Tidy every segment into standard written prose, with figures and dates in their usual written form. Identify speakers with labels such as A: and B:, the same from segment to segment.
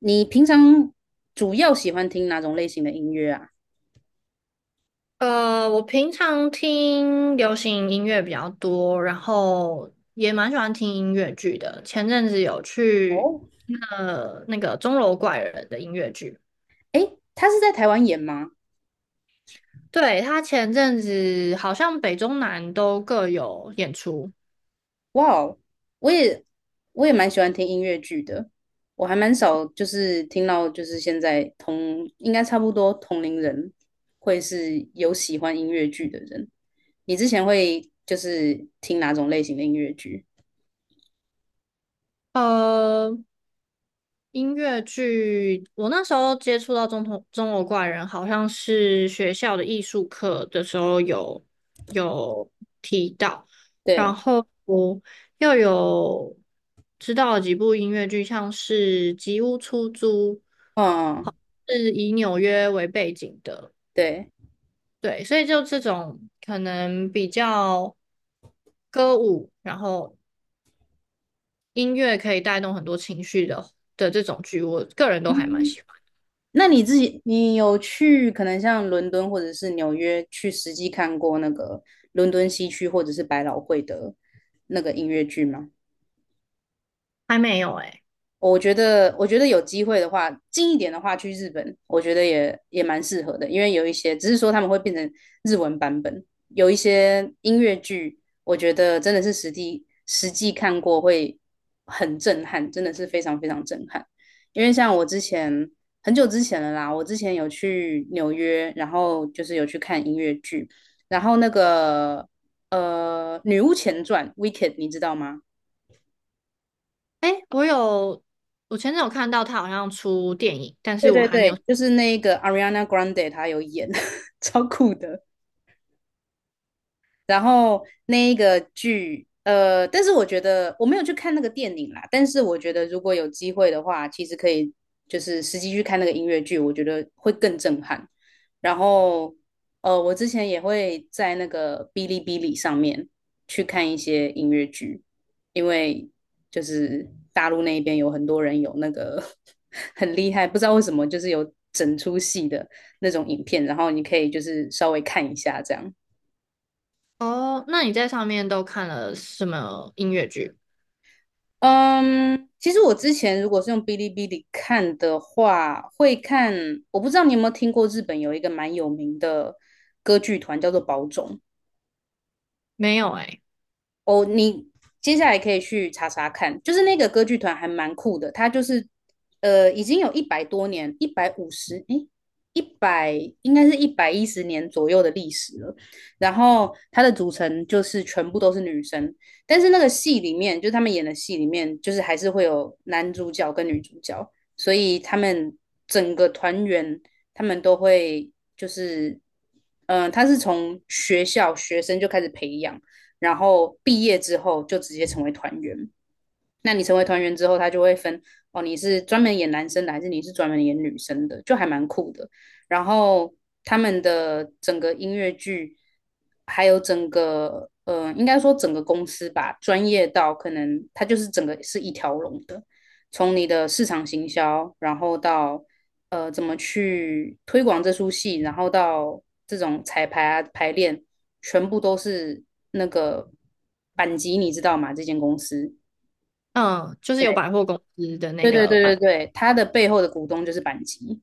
A: 你平常主要喜欢听哪种类型的音乐啊？
B: 我平常听流行音乐比较多，然后也蛮喜欢听音乐剧的。前阵子有去
A: 哦，
B: 钟楼怪人的音乐剧。
A: 诶，他是在台湾演吗？
B: 对，他前阵子好像北中南都各有演出。
A: 哇哦。我也我也蛮喜欢听音乐剧的，我还蛮少就是听到就是现在同应该差不多同龄人会是有喜欢音乐剧的人。你之前会就是听哪种类型的音乐剧？
B: 呃，音乐剧，我那时候接触到中头《钟楼怪人》，好像是学校的艺术课的时候有提到，然
A: 对，
B: 后我又有知道了几部音乐剧，像是《吉屋出租》，
A: 嗯，
B: 是以纽约为背景的。
A: 对。
B: 对，所以就这种可能比较歌舞，然后音乐可以带动很多情绪的这种剧，我个人都还蛮喜欢。
A: 那你自己，你有去可能像伦敦或者是纽约去实际看过那个伦敦西区或者是百老汇的那个音乐剧吗？
B: 还没有诶、
A: 我觉得，有机会的话，近一点的话去日本，我觉得也蛮适合的，因为有一些只是说他们会变成日文版本，有一些音乐剧，我觉得真的是实地实际看过会很震撼，真的是非常非常震撼。因为像我之前很久之前了啦，我之前有去纽约，然后就是有去看音乐剧，然后那个《女巫前传》(Wicked) 你知道吗？
B: 哎，我有，我前阵有看到他好像出电影，但
A: 对
B: 是我
A: 对
B: 还没有。
A: 对，就是那个 Ariana Grande，她有演，超酷的。然后那一个剧，但是我觉得我没有去看那个电影啦，但是我觉得如果有机会的话，其实可以就是实际去看那个音乐剧，我觉得会更震撼。然后，我之前也会在那个哔哩哔哩上面去看一些音乐剧，因为就是大陆那边有很多人有那个 很厉害，不知道为什么就是有整出戏的那种影片，然后你可以就是稍微看一下这样。
B: 哦，那你在上面都看了什么音乐剧？
A: 嗯，其实我之前如果是用哔哩哔哩看的话，会看，我不知道你有没有听过日本有一个蛮有名的歌剧团叫做宝冢，
B: 没有哎。
A: 哦，你接下来可以去查查看，就是那个歌剧团还蛮酷的，它就是已经有100多年，150，诶，一百应该是110年左右的历史了。然后它的组成就是全部都是女生，但是那个戏里面，就是他们演的戏里面，就是还是会有男主角跟女主角，所以他们整个团员他们都会就是，他是从学校学生就开始培养。然后毕业之后就直接成为团员。那你成为团员之后，他就会分哦，你是专门演男生的，还是你是专门演女生的，就还蛮酷的。然后他们的整个音乐剧，还有整个应该说整个公司吧，专业到可能它就是整个是一条龙的，从你的市场行销，然后到怎么去推广这出戏，然后到这种彩排啊排练，全部都是那个板级，你知道吗？这间公司。
B: 嗯，就是有百货公司的
A: 对
B: 那
A: 对
B: 个
A: 对对
B: 版。
A: 对，他的背后的股东就是板吉，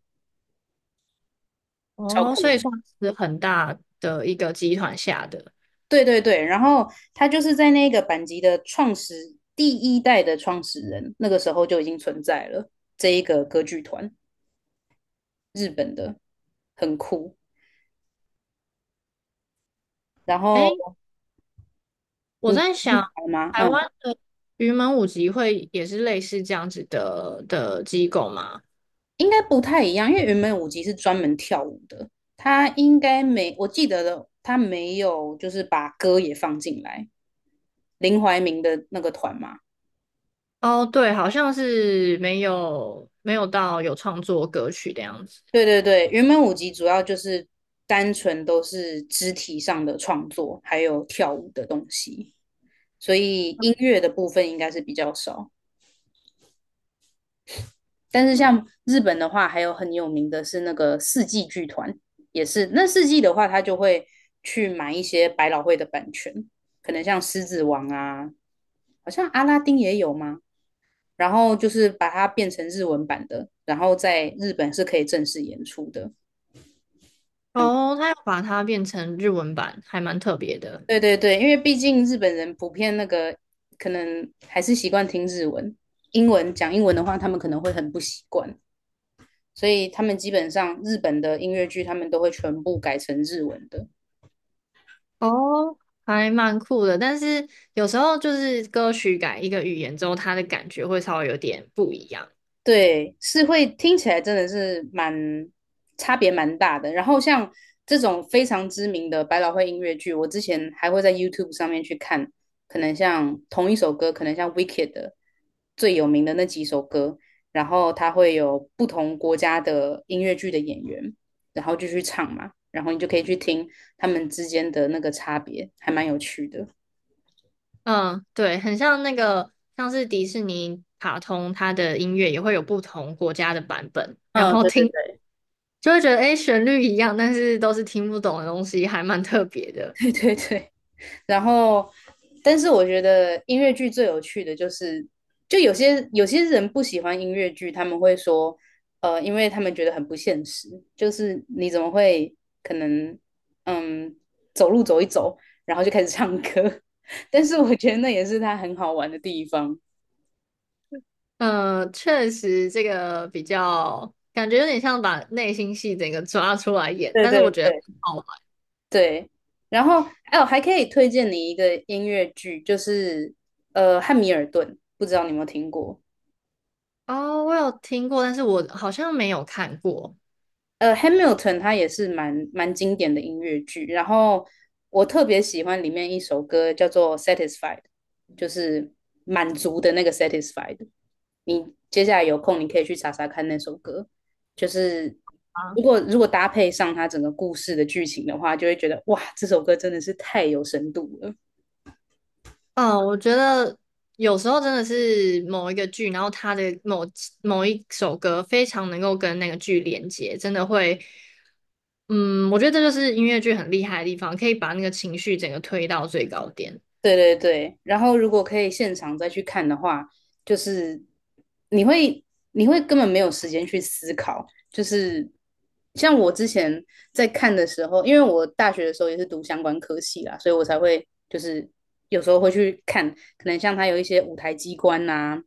A: 超
B: 哦，
A: 酷
B: 所以
A: 的。
B: 算是很大的一个集团下的。
A: 对对对，然后他就是在那个板吉的创始第一代的创始人，那个时候就已经存在了这一个歌剧团，日本的，很酷。然
B: 哎，
A: 后
B: 我
A: 你
B: 在
A: 会
B: 想，
A: 猜吗？
B: 台
A: 嗯，
B: 湾的云门舞集会也是类似这样子的机构吗？
A: 应该不太一样，因为原本舞集是专门跳舞的，他应该没，我记得的，他没有就是把歌也放进来。林怀民的那个团嘛，
B: 哦，对，好像是没有到有创作歌曲的样子。
A: 对对对，原本舞集主要就是单纯都是肢体上的创作，还有跳舞的东西，所以音乐的部分应该是比较少。但是像日本的话，还有很有名的是那个四季剧团，也是那四季的话，他就会去买一些百老汇的版权，可能像《狮子王》啊，好像阿拉丁也有吗？然后就是把它变成日文版的，然后在日本是可以正式演出的。
B: 哦，他要把它变成日文版，还蛮特别的。
A: 对对对，因为毕竟日本人普遍那个可能还是习惯听日文，英文讲英文的话，他们可能会很不习惯，所以他们基本上日本的音乐剧他们都会全部改成日文的。
B: 哦，还蛮酷的，但是有时候就是歌曲改一个语言之后，它的感觉会稍微有点不一样。
A: 对，是会听起来真的是蛮差别蛮大的。然后像这种非常知名的百老汇音乐剧，我之前还会在 YouTube 上面去看，可能像同一首歌，可能像 Wicked 的最有名的那几首歌，然后它会有不同国家的音乐剧的演员，然后就去唱嘛，然后你就可以去听他们之间的那个差别，还蛮有趣的。
B: 嗯，对，很像那个，像是迪士尼卡通，它的音乐也会有不同国家的版本，然
A: 嗯，
B: 后
A: 对对
B: 听
A: 对
B: 就会觉得，诶，旋律一样，但是都是听不懂的东西，还蛮特别的。
A: 对对对。然后，但是我觉得音乐剧最有趣的就是，就有些人不喜欢音乐剧，他们会说，因为他们觉得很不现实，就是你怎么会可能，嗯，走路走一走，然后就开始唱歌？但是我觉得那也是它很好玩的地方。
B: 嗯，确实，这个比较感觉有点像把内心戏整个抓出来演，
A: 对
B: 但是我
A: 对
B: 觉得很
A: 对
B: 好玩。
A: 对，然后哎，我还可以推荐你一个音乐剧，就是《汉密尔顿》，不知道你有没有听过？
B: 哦，我有听过，但是我好像没有看过。
A: 《Hamilton》它也是蛮经典的音乐剧，然后我特别喜欢里面一首歌叫做《Satisfied》，就是满足的那个 Satisfied。你接下来有空，你可以去查查看那首歌，就是如
B: 啊。
A: 果如果搭配上它整个故事的剧情的话，就会觉得哇，这首歌真的是太有深度了。
B: 嗯，我觉得有时候真的是某一个剧，然后它的某一首歌非常能够跟那个剧连接，真的会。嗯，我觉得这就是音乐剧很厉害的地方，可以把那个情绪整个推到最高点。
A: 对对对，然后如果可以现场再去看的话，就是你会你会根本没有时间去思考，就是像我之前在看的时候，因为我大学的时候也是读相关科系啦，所以我才会就是有时候会去看，可能像它有一些舞台机关呐、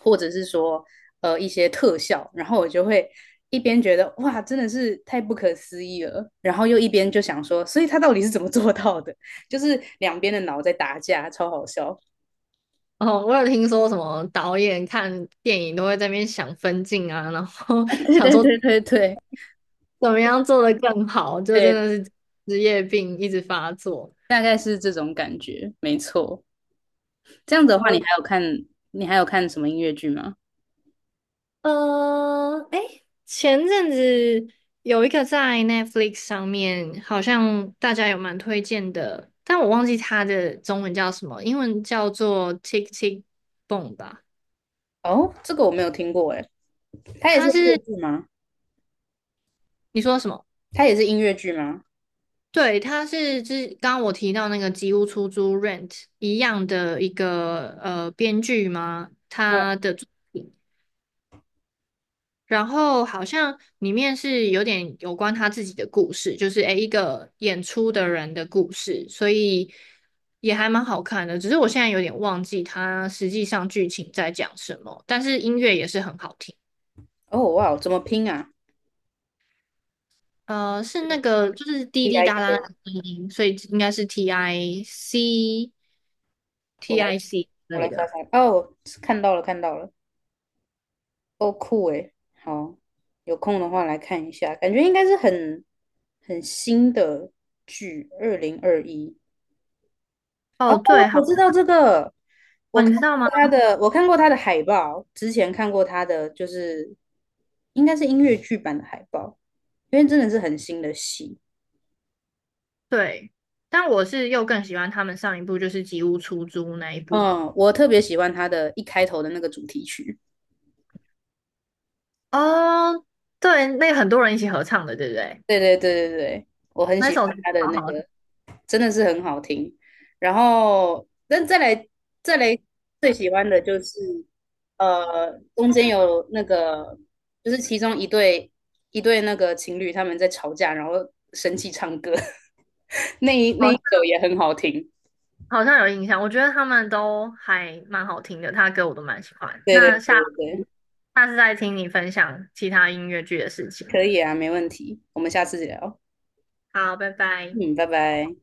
A: 或者是说一些特效，然后我就会一边觉得哇真的是太不可思议了，然后又一边就想说，所以他到底是怎么做到的？就是两边的脑在打架，超好笑。
B: 哦，我有听说什么导演看电影都会在那边想分镜啊，然后
A: 对
B: 想
A: 对
B: 说
A: 对对对
B: 怎么样做的更好，就真
A: 对，
B: 的是职业病一直发作。
A: 大概是这种感觉，没错。这样子
B: 呃
A: 的话，
B: 我
A: 你还有看什么音乐剧吗？
B: 哎，前阵子有一个在 Netflix 上面，好像大家有蛮推荐的，但我忘记它的中文叫什么，英文叫做《Tick Tick Boom》吧。
A: 哦，这个我没有听过哎，它也是
B: 它
A: 音乐
B: 是
A: 剧吗？
B: 你说什么？
A: 它也是音乐剧吗？
B: 对，他是之刚刚我提到那个吉屋出租 Rent 一样的一个编剧吗？
A: 嗯，
B: 他的作品，然后好像里面是有点有关他自己的故事，就是诶一个演出的人的故事，所以也还蛮好看的。只是我现在有点忘记他实际上剧情在讲什么，但是音乐也是很好听。
A: 哦哇，怎么拼啊
B: 是那个就是滴
A: ？D
B: 滴
A: I
B: 答答
A: K，
B: 的声音，所以应该是 T I C
A: 我
B: T
A: 来
B: I C。
A: 我来查查。哦，看到了看到了，哦酷哎，好，有空的话来看一下，感觉应该是很新的剧，2021。
B: 哦，对，好，
A: 我知道这个，我
B: 哦，
A: 看
B: 你知道吗？
A: 我看过他的海报，之前看过他的，就是应该是音乐剧版的海报，因为真的是很新的戏。
B: 对，但我是又更喜欢他们上一部就是《吉屋出租》那一部。
A: 嗯，我特别喜欢他的一开头的那个主题曲。
B: 哦，对，那个很多人一起合唱的，对不对？
A: 对对对对对，我很
B: 那
A: 喜
B: 首歌
A: 欢他的
B: 好
A: 那
B: 好听。
A: 个，真的是很好听。然后，但再来最喜欢的就是，中间有那个，就是其中一对那个情侣他们在吵架，然后生气唱歌，那一
B: 好
A: 那一
B: 像
A: 首也很好听。
B: 好像有印象。我觉得他们都还蛮好听的，他的歌我都蛮喜欢。
A: 对对
B: 那下
A: 对对对，
B: 下次再听你分享其他音乐剧的事情。
A: 可以啊，没问题，我们下次聊。
B: 好，拜拜。
A: 嗯，拜拜。